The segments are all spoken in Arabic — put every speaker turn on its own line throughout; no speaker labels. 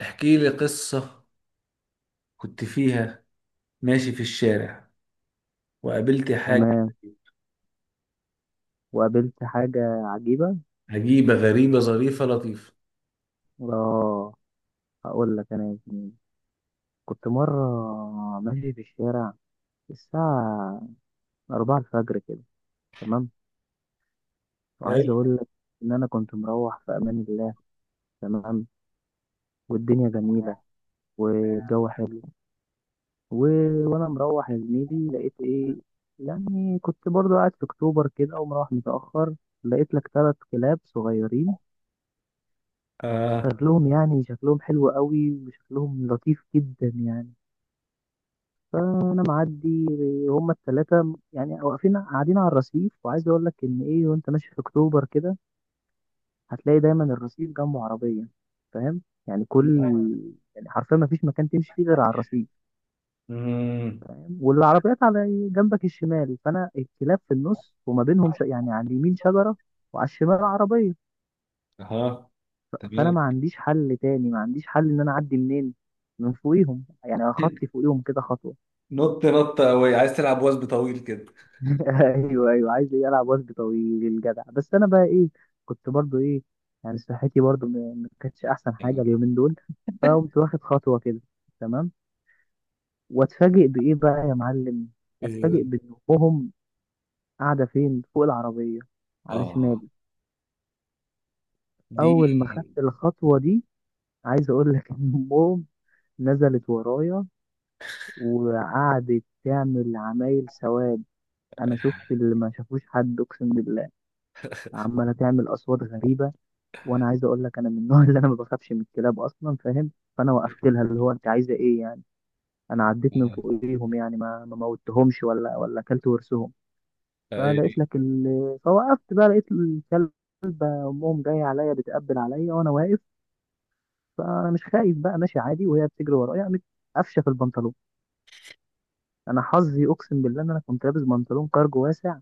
احكي لي قصة كنت فيها ماشي في الشارع وقابلت حاجة
تمام. وقابلت حاجة عجيبة.
عجيبة غريبة ظريفة لطيفة.
اه، هقول لك انا يا زميلي، كنت مرة ماشي في الشارع الساعة أربعة الفجر كده. تمام، وعايز
حلو.
أقول لك إن أنا كنت مروح في أمان الله. تمام، والدنيا جميلة والجو حلو و... وأنا مروح يا زميلي لقيت إيه، يعني كنت برضو قاعد في أكتوبر كده ومروح متأخر. لقيت لك ثلاث كلاب صغيرين،
آه.
شكلهم يعني شكلهم حلو قوي وشكلهم لطيف جدا يعني. فانا معدي، هما التلاتة يعني واقفين قاعدين على الرصيف. وعايز اقول لك ان ايه، وانت ماشي في اكتوبر كده هتلاقي دايما الرصيف جنبه عربية، فاهم؟ يعني كل، يعني حرفيا ما فيش مكان تمشي فيه غير على الرصيف.
مم.
والعربيات على جنبك الشمال، فانا الكلاب في النص وما بينهم يعني على اليمين شجرة وعلى الشمال عربية.
أها.
فانا
تمام.
ما عنديش حل تاني، ما عنديش حل ان انا اعدي منين من فوقيهم، يعني اخطي فوقيهم كده خطوة.
نط نط قوي، عايز تلعب وثب طويل كده؟
ايوه ايوه عايز ايه العب وجه طويل الجدع، بس انا بقى ايه، كنت برضو ايه، يعني صحتي برضو ما كانتش احسن حاجه
يعني
اليومين دول. فقمت واخد خطوه كده، تمام، واتفاجئ بايه بقى يا معلم،
إيه ده؟
اتفاجئ بان امهم قاعده فين، فوق العربيه على
آه
شمالي.
دي.
اول ما خدت الخطوه دي، عايز اقول لك ان امهم نزلت ورايا وقعدت تعمل عمايل سواد، انا شفت اللي ما شافوش حد اقسم بالله. عماله تعمل اصوات غريبه، وانا عايز اقول لك انا من النوع اللي انا ما بخافش من الكلاب اصلا، فاهم؟ فانا وقفت لها اللي هو انت عايزه ايه يعني، انا عديت من فوقيهم يعني ما موتهمش ولا اكلت ورثهم.
أي.
فلقيت لك ال... فوقفت بقى لقيت الكلب، امهم جايه عليا، بتقبل عليا وانا واقف. فانا مش خايف بقى، ماشي عادي وهي بتجري ورايا، قامت قفشه في البنطلون. انا حظي اقسم بالله ان انا كنت لابس بنطلون كارجو واسع،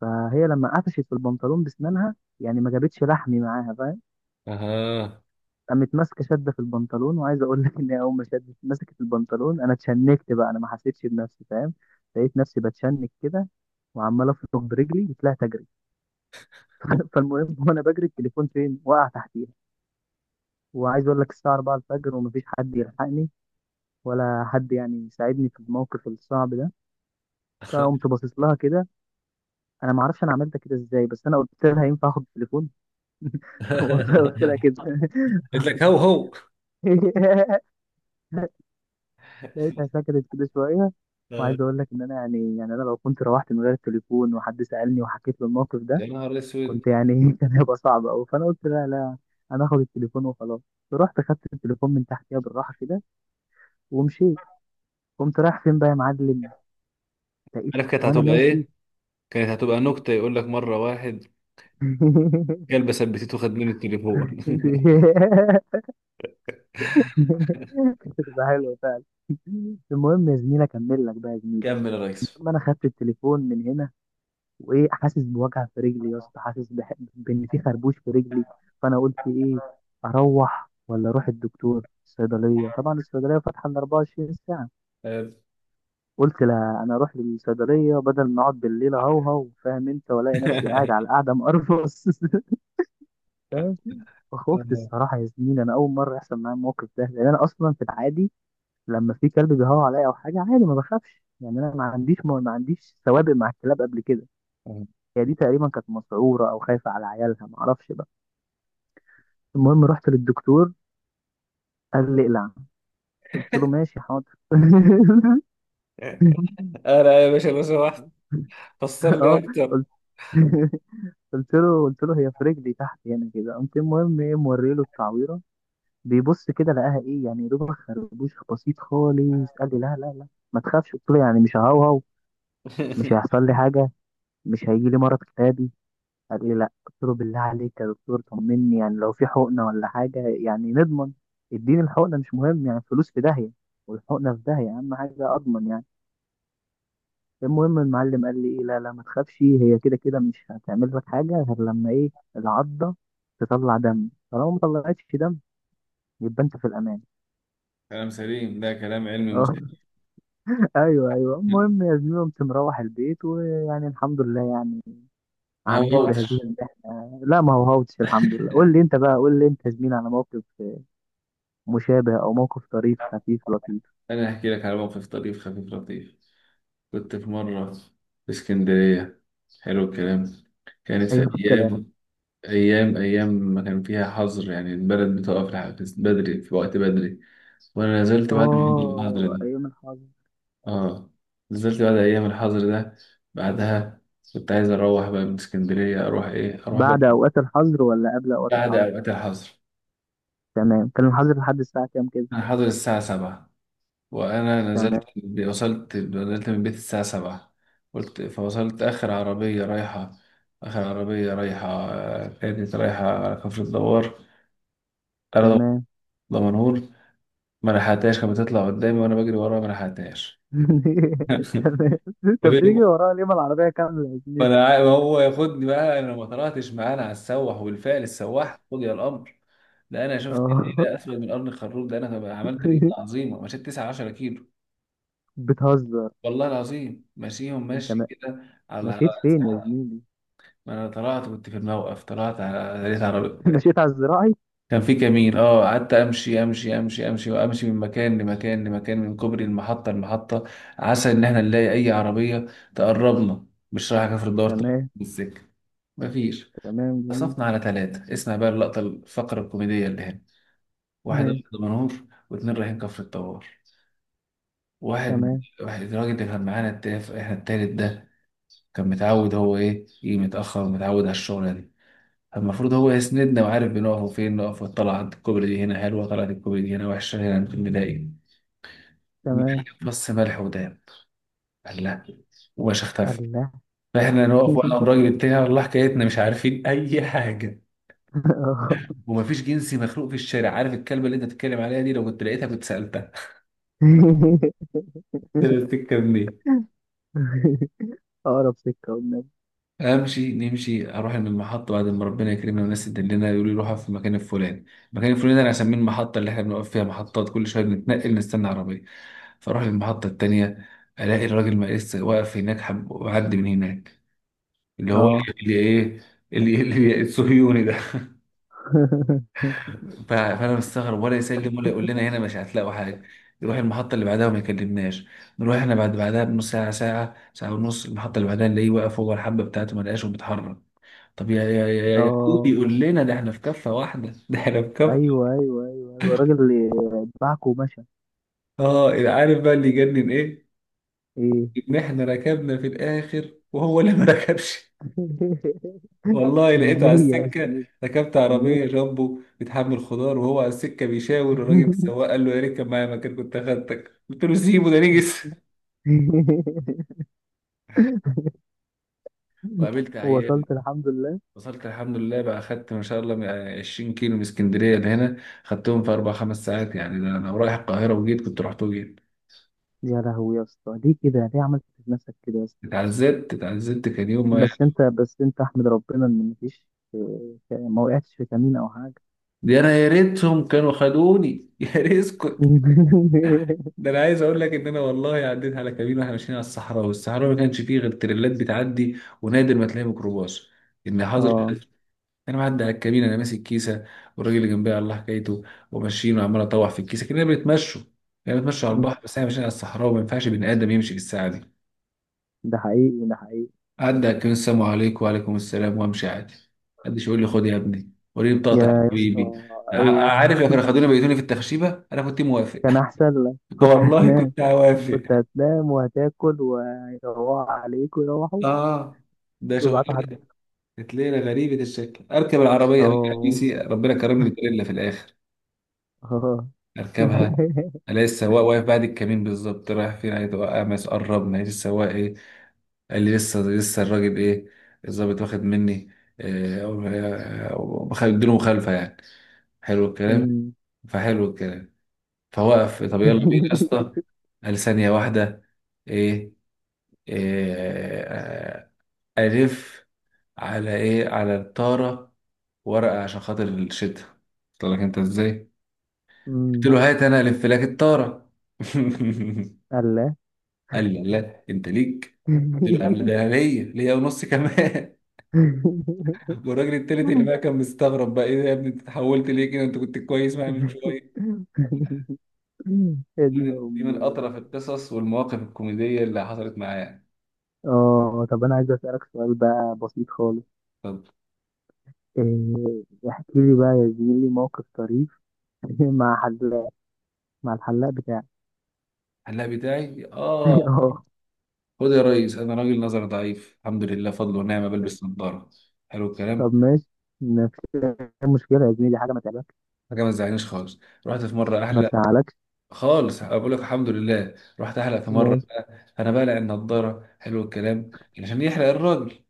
فهي لما قفشت في البنطلون بسنانها يعني ما جابتش لحمي معاها، فاهم؟
أها.
قامت ماسكه شده في البنطلون. وعايز اقول لك ان هي اول ما شدت مسكت البنطلون انا اتشنكت بقى، انا ما حسيتش بنفسي، فاهم؟ لقيت نفسي بتشنك كده وعمال افرك برجلي وطلعت اجري. فالمهم، وانا بجري التليفون فين؟ وقع تحتيها. وعايز اقول لك الساعه 4 الفجر ومفيش حد يلحقني ولا حد يعني يساعدني في الموقف الصعب ده. فقمت باصص لها كده، انا ما اعرفش انا عملت كده ازاي، بس انا قلت لها ينفع اخد التليفون؟ والله قلت لها كده.
قلت لك هو هو.
لقيتها سكتت كده شوية.
آه.
وعايز أقول لك إن أنا يعني أنا لو كنت روحت من غير التليفون وحد سألني وحكيت له الموقف
يا
ده،
نهار اسود،
كنت يعني كان هيبقى صعب أوي. فأنا قلت لا لا، أنا آخد التليفون وخلاص. رحت خدت التليفون من تحتيها بالراحة كده ومشيت. قمت رايح فين بقى يا معلم، لقيت
عارف كانت
وأنا
هتبقى
ماشي.
ايه؟ كانت هتبقى نكتة، يقول لك مرة واحد كلب ثبتته خد منه التليفون.
كانت هتبقى حلوة فعلا. المهم يا زميلي أكمل لك بقى يا زميلي،
كمل يا ريس.
المهم أنا خدت التليفون من هنا، وايه حاسس بوجع في رجلي يا اسطى، حاسس بان في خربوش في رجلي. فانا قلت ايه، اروح ولا اروح الدكتور؟ الصيدليه طبعا، الصيدليه فاتحه ال 24 ساعه.
آه.
قلت لا انا اروح للصيدليه بدل ما اقعد بالليل اهوهو، فاهم انت، والاقي نفسي قاعد على القعده مقرفص. فاهم؟ فخفت الصراحه يا زميلي، انا اول مره يحصل معايا الموقف ده، لان انا اصلا في العادي لما في كلب بيهوى عليا او حاجه عادي ما بخافش يعني، انا ما عنديش سوابق مع الكلاب قبل كده. هي دي تقريبا كانت مسعوره او خايفه على عيالها، ما اعرفش بقى. المهم رحت للدكتور، قال لي اقلع، قلت له ماشي حاضر.
أنا يا باشا لو سمحت فسر لي
اه،
أكتر.
قلت، قلت له هي في رجلي تحت هنا كده. قمت المهم ايه، موري له التعويره، بيبص كده لقاها ايه يعني، يا دوبك خربوش بسيط خالص. قال لي لا لا لا ما تخافش. قلت له يعني مش ههوهو، مش هيحصل لي حاجه، مش هيجي لي مرض كتابي؟ قال لي لا. قلت له بالله عليك يا دكتور طمني، يعني لو في حقنه ولا حاجه يعني نضمن، اديني الحقنه، مش مهم يعني الفلوس في داهيه والحقنه في داهيه، اهم حاجه اضمن يعني. المهم المعلم قال لي ايه، لا لا ما تخافش، هي كده كده مش هتعمل لك حاجه غير لما ايه، العضه تطلع دم. طالما ما طلعتش دم يبقى انت في الامان.
كلام سليم، ده كلام علمي
اه،
مصحح.
ايوه ايوه. المهم يا زميلي، قمت مروح البيت، ويعني الحمد لله يعني
ما
عديت بهذه
هوتش.
المحنه، لا ما هو هوتش الحمد لله. قول لي انت بقى، قول لي انت يا زميلي على موقف مشابه أو موقف طريف خفيف لطيف.
انا هحكي لك على موقف طريف خفيف لطيف. كنت في مره في اسكندريه. حلو الكلام. كانت في
حلو الكلام.
ايام ايام ما كان فيها حظر، يعني البلد بتقف لحد بدري، في وقت بدري، وانا نزلت بعد الحظر
آه،
ده.
أيام الحظر.
اه، نزلت بعد ايام الحظر ده، بعدها كنت عايز اروح بقى من اسكندريه، اروح ايه اروح بقى.
بعد أوقات الحظر ولا قبل أوقات
بعد
الحظر؟
اوقات الحظر،
تمام، كان الحظر لحد الساعة كام كده؟
انا حاضر الساعه 7 وانا نزلت،
تمام.
وصلت، نزلت من بيت الساعه 7، قلت فوصلت اخر عربيه رايحه، اخر عربيه رايحه آه، كانت رايحه على كفر الدوار. انا
تمام.
دمنهور، ما لحقتهاش، كانت بتطلع قدامي وانا بجري وراها ما لحقتهاش.
تمام. أنت بتيجي
قابلت،
ورايا ليه، ما العربية كاملة يا زميلي؟
ما هو ياخدني بقى، انا ما طلعتش معانا على السواح والفعل السواح قضي الامر. ده انا شفت ايه،
آه.
ده اسود من قرن الخروف، ده انا عملت رياضه عظيمه، مشيت 9 10 كيلو
بتهزر.
والله العظيم، ماشيهم
أنت
ماشي
ما...
كده على.
مشيت فين يا زميلي؟
ما انا طلعت كنت في الموقف، طلعت على لقيت عربية،
مشيت على الزراعي.
كان في كمين. اه قعدت امشي امشي امشي امشي وامشي، من مكان لمكان لمكان، من كوبري المحطه، المحطه، عسى ان احنا نلاقي اي عربيه تقربنا، مش رايح كفر الدار طبعا
تمام.
بالسكه. مفيش.
تمام، جميل.
صفنا على ثلاثة، اسمع بقى اللقطة الفقرة الكوميدية اللي هنا، واحد
ماشي.
أبيض منور واتنين رايحين كفر الطوار. واحد
تمام.
واحد الراجل اللي كان معانا التاف، احنا التالت ده كان متعود، هو ايه، يجي متأخر ومتعود على الشغلة دي، فالمفروض هو يسندنا وعارف بنقف فين نقف، وطلع عند الكوبري دي هنا حلوة، طلعت الكوبري دي هنا وحشة، هنا ممكن نلاقي.
تمام.
بص، ملح وداب، قال لا، وباش اختفى.
الله.
فاحنا نقف، وانا والراجل بتاعي والله حكايتنا مش عارفين اي حاجة،
آه.
ومفيش جنسي مخلوق في الشارع، عارف الكلمه اللي انت بتتكلم عليها دي، لو كنت لقيتها كنت سالتها، طلعت الكلام دي.
أقرب سكة والنبي.
امشي نمشي، اروح من المحطه بعد ما ربنا يكرمنا والناس تدلنا، يقولوا لي روحها في المكان الفلاني. المكان الفلاني ده انا اسميه المحطه، اللي احنا بنقف فيها محطات كل شويه بنتنقل نستنى عربيه. فاروح المحطه التانيه، الاقي الراجل ما لسه واقف هناك، حب وعدي من هناك، اللي هو
اه.
اللي ايه، اللي ايه؟ اللي الصهيوني ده. فانا مستغرب، ولا يسلم ولا يقول لنا هنا مش هتلاقوا حاجه، يروح المحطه اللي بعدها وما يكلمناش، نروح احنا بعد بعدها بنص ساعه، ساعه، ساعه ونص، المحطه اللي بعدها نلاقيه واقف، هو الحبه بتاعته ما لقاش وبيتحرك. طب يا إيه
اه،
بيقول لنا ده، احنا في كفه واحده، ده احنا في كفه.
ايوه ايوه ايوه ايوه، الراجل اللي اتبعك ومشى.
اه، عارف بقى اللي يجنن ايه؟
ايه؟
ان احنا ركبنا في الاخر، وهو اللي ما ركبش، والله لقيته على
النية يا
السكه،
سيدي.
ركبت عربيه
النية.
جامبو بتحمل خضار، وهو على السكه بيشاور الراجل السواق، قال له يا ريت كان معايا مكان كنت اخدتك، قلت له سيبه ده نجس. وقابلت عيال،
وصلت الحمد لله.
وصلت الحمد لله بقى، خدت ما شاء الله من 20 كيلو من اسكندريه لهنا، خدتهم في اربع خمس ساعات يعني، ده انا رايح القاهره وجيت، كنت رحت وجيت.
يا لهوي يا اسطى، ليه كده، ليه عملت في نفسك كده يا اسطى؟
اتعذبت، اتعذبت، كان يوم ما.
بس انت، بس انت احمد ربنا ان مفيش، ما وقعتش في كمين او حاجة.
دي انا يا ريتهم كانوا خدوني، يا ريت اسكت. ده انا عايز اقول لك ان انا والله عديت على كمين، واحنا ماشيين على الصحراء، والصحراء ما كانش فيه غير تريلات بتعدي، ونادر ما تلاقي ميكروباص. ان حاضر،
اه،
انا معدي على الكمين انا ماسك كيسه، والراجل اللي جنبي على الله حكايته، وماشيين وعمال اطوح في الكيسه، كنا بنتمشوا، كنا بنتمشوا على البحر، بس احنا ماشيين على الصحراء، وما ينفعش بني ادم يمشي بالساعه دي.
ده حقيقي، ده حقيقي.
عدى على الكمين، السلام عليكم وعليكم السلام، وامشي عادي، محدش يقول لي خد يا ابني وريني بطاقتك يا
يا يا
حبيبي.
اسطى. ايوه،
عارف، يا كانوا خدوني بيتوني في التخشيبه انا كنت موافق،
كان احسن لك، كنت
والله
هناك
كنت هوافق.
كنت هتنام وهتاكل، ويروحوا عليك ويروحوا
اه ده
ويبعتوا
شغلانه.
حد.
كانت ليله غريبه الشكل، اركب العربيه بقى
اه.
حديثي ربنا كرمني بالليله في الاخر،
اه.
اركبها. أنا لسه السواق واقف بعد الكمين بالظبط، رايح فين، عايز اوقع مس، قربنا لقيت السواق ايه، قال لي لسه، لسه الراجل ايه الظابط واخد مني إيه، اديله مخالفه يعني. حلو الكلام،
أمم.
فحلو الكلام، فوقف. طب يلا بينا يا اسطى. قال ثانيه واحده ايه, إيه آه، الف، على ايه؟ على الطاره ورقه عشان خاطر الشتا. قلت لك انت ازاي، قلت
أمم.
له هات انا الف لك الطاره.
الله.
قال لي لا انت ليك. قلت له ده ليا، ليا ونص كمان. والراجل التالت اللي بقى كان مستغرب، بقى ايه ده يا ابني، انت اتحولت ليه كده، انت كنت كويس معايا من شويه. دي
يا دين
من دي
امي
من
يا جدع.
اطرف القصص والمواقف الكوميديه اللي حصلت معايا.
اه، طب انا عايز اسالك سؤال بقى بسيط خالص.
طب
إيه، احكي لي بقى يا زميلي موقف طريف مع حلاق، مع الحلاق بتاعك.
هلا بتاعي، اه،
اه،
خد يا ريس، انا راجل نظر ضعيف الحمد لله فضل ونعمه، بلبس نظاره. حلو الكلام.
طب ماشي. مفيش مشكله يا زميلي، حاجه ما تعملهاش.
حاجه ما تزعلنيش خالص، رحت في مره
ما
احلق،
تزعلكش.
خالص بقول لك الحمد لله، رحت احلق في مره،
ماشي.
انا بقلع النضاره. حلو الكلام. عشان يحلق الراجل،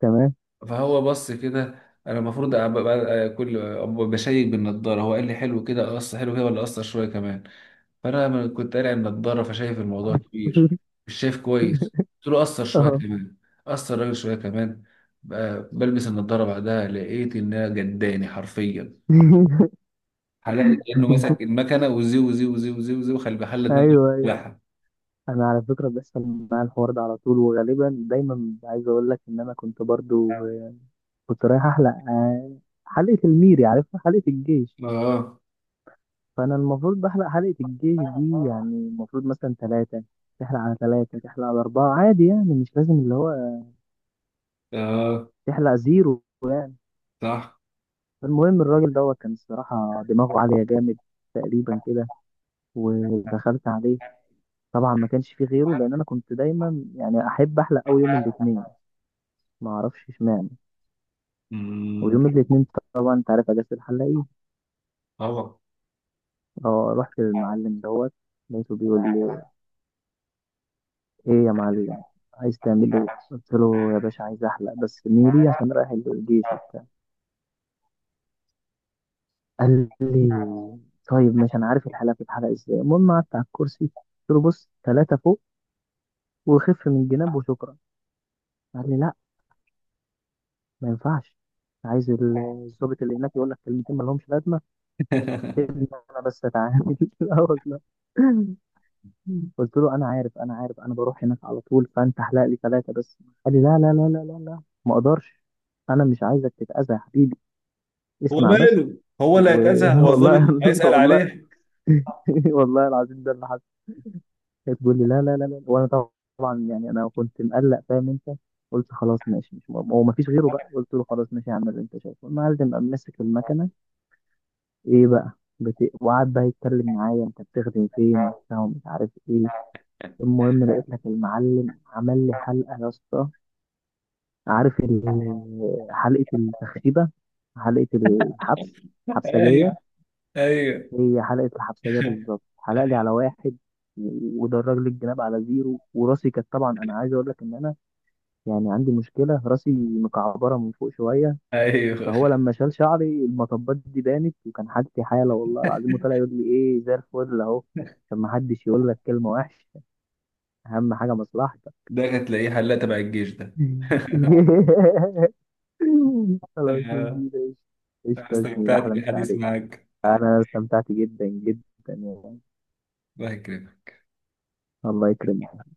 تمام.
فهو بص كده، انا المفروض كل أبقى بشيك بالنضاره، هو قال لي حلو كده قص، حلو كده ولا قصر شويه كمان، فانا لما كنت قارع النضاره، فشايف الموضوع كبير، مش شايف كويس، قلت له قصر شويه
اه.
كمان، قصر الراجل شويه كمان، بقى بلبس النضاره بعدها لقيت انها جداني حرفيا، حلقلي كانه ماسك المكنه، وزي وخلي بحل دماغي
ايوه ايوه،
بتاعها.
انا على فكره بيحصل معايا الحوار ده على طول، وغالبا دايما عايز اقول لك ان انا كنت برضو آه، كنت رايح احلق آه، حلقه الميري، عارفها حلقه الجيش.
اه،
فانا المفروض بحلق حلقه الجيش دي، يعني المفروض مثلا ثلاثه، تحلق على ثلاثه تحلق على اربعه عادي يعني، مش لازم اللي هو
اه،
تحلق زيرو يعني.
صح.
فالمهم الراجل دوت كان الصراحه دماغه عاليه جامد تقريبا كده. ودخلت عليه، طبعا ما كانش فيه غيره، لان انا كنت دايما يعني احب احلق قوي يوم الاثنين، ما اعرفش اشمعنى،
امم.
ويوم الاثنين طبعا انت عارف اجازه الحلاقين.
طبعا.
اه، رحت للمعلم دوت، لقيته بيقول لي ايه يا معلم، عايز تعمل ايه؟ قلت له يا باشا عايز احلق بس ميري عشان رايح الجيش وبتاع. قال لي طيب ماشي، انا عارف الحلاقه بتتحلق ازاي. المهم قعدت على الكرسي، قلت له بص، ثلاثه فوق وخف من الجناب وشكرا. قال لي لا، ما ينفعش، عايز الظابط اللي هناك يقول لك كلمتين ما لهمش لازمه، سيبني انا بس اتعامل. لا والله، قلت له انا عارف انا عارف، انا بروح هناك على طول، فانت احلق لي ثلاثه بس. قال لي لا لا لا لا لا لا ما اقدرش، انا مش عايزك تتاذى يا حبيبي،
هو
اسمع بس.
ماله، هو اللي هيتأذى، هو الضابط
والله.
هيسأل
والله.
عليه.
والله العظيم ده اللي حصل. هي تقول لي لا لا لا لا وانا طبعا يعني انا كنت مقلق، فاهم انت؟ قلت خلاص ماشي، مش هو ما فيش غيره بقى. قلت له خلاص ماشي هعمل اللي انت شايفه. المعلم قام مسك المكنه، ايه بقى، وقعد بقى يتكلم معايا انت بتخدم فين وبتاع ومش عارف ايه. المهم لقيت لك المعلم عمل لي حلقه يا اسطى، عارف حلقه التخريبه، حلقه الحبس، حبسجيه.
ايوه ايوه
هي حلقه الحبسجيه بالظبط، حلق لي على واحد ودرج لي الجناب على زيرو. وراسي كانت طبعا، انا عايز اقول لك ان انا يعني عندي مشكله، راسي مكعبره من فوق شويه.
ايوه
فهو لما شال شعري المطبات دي بانت، وكان حالتي حاله والله العظيم. وطلع يقول لي ايه، زي الفل اهو، عشان ما حدش يقول لك كلمه وحشه، اهم حاجه مصلحتك.
ده هتلاقيه حلاق تبع الجيش ده.
خلاص يا
آه،
زميلي.
أنا
قشطة يا زميلي،
استمتعت
أحلى مسا
بالحديث
عليك.
معاك.
أنا استمتعت جدا جدا يعني.
الله يكرمك.
الله يكرمك.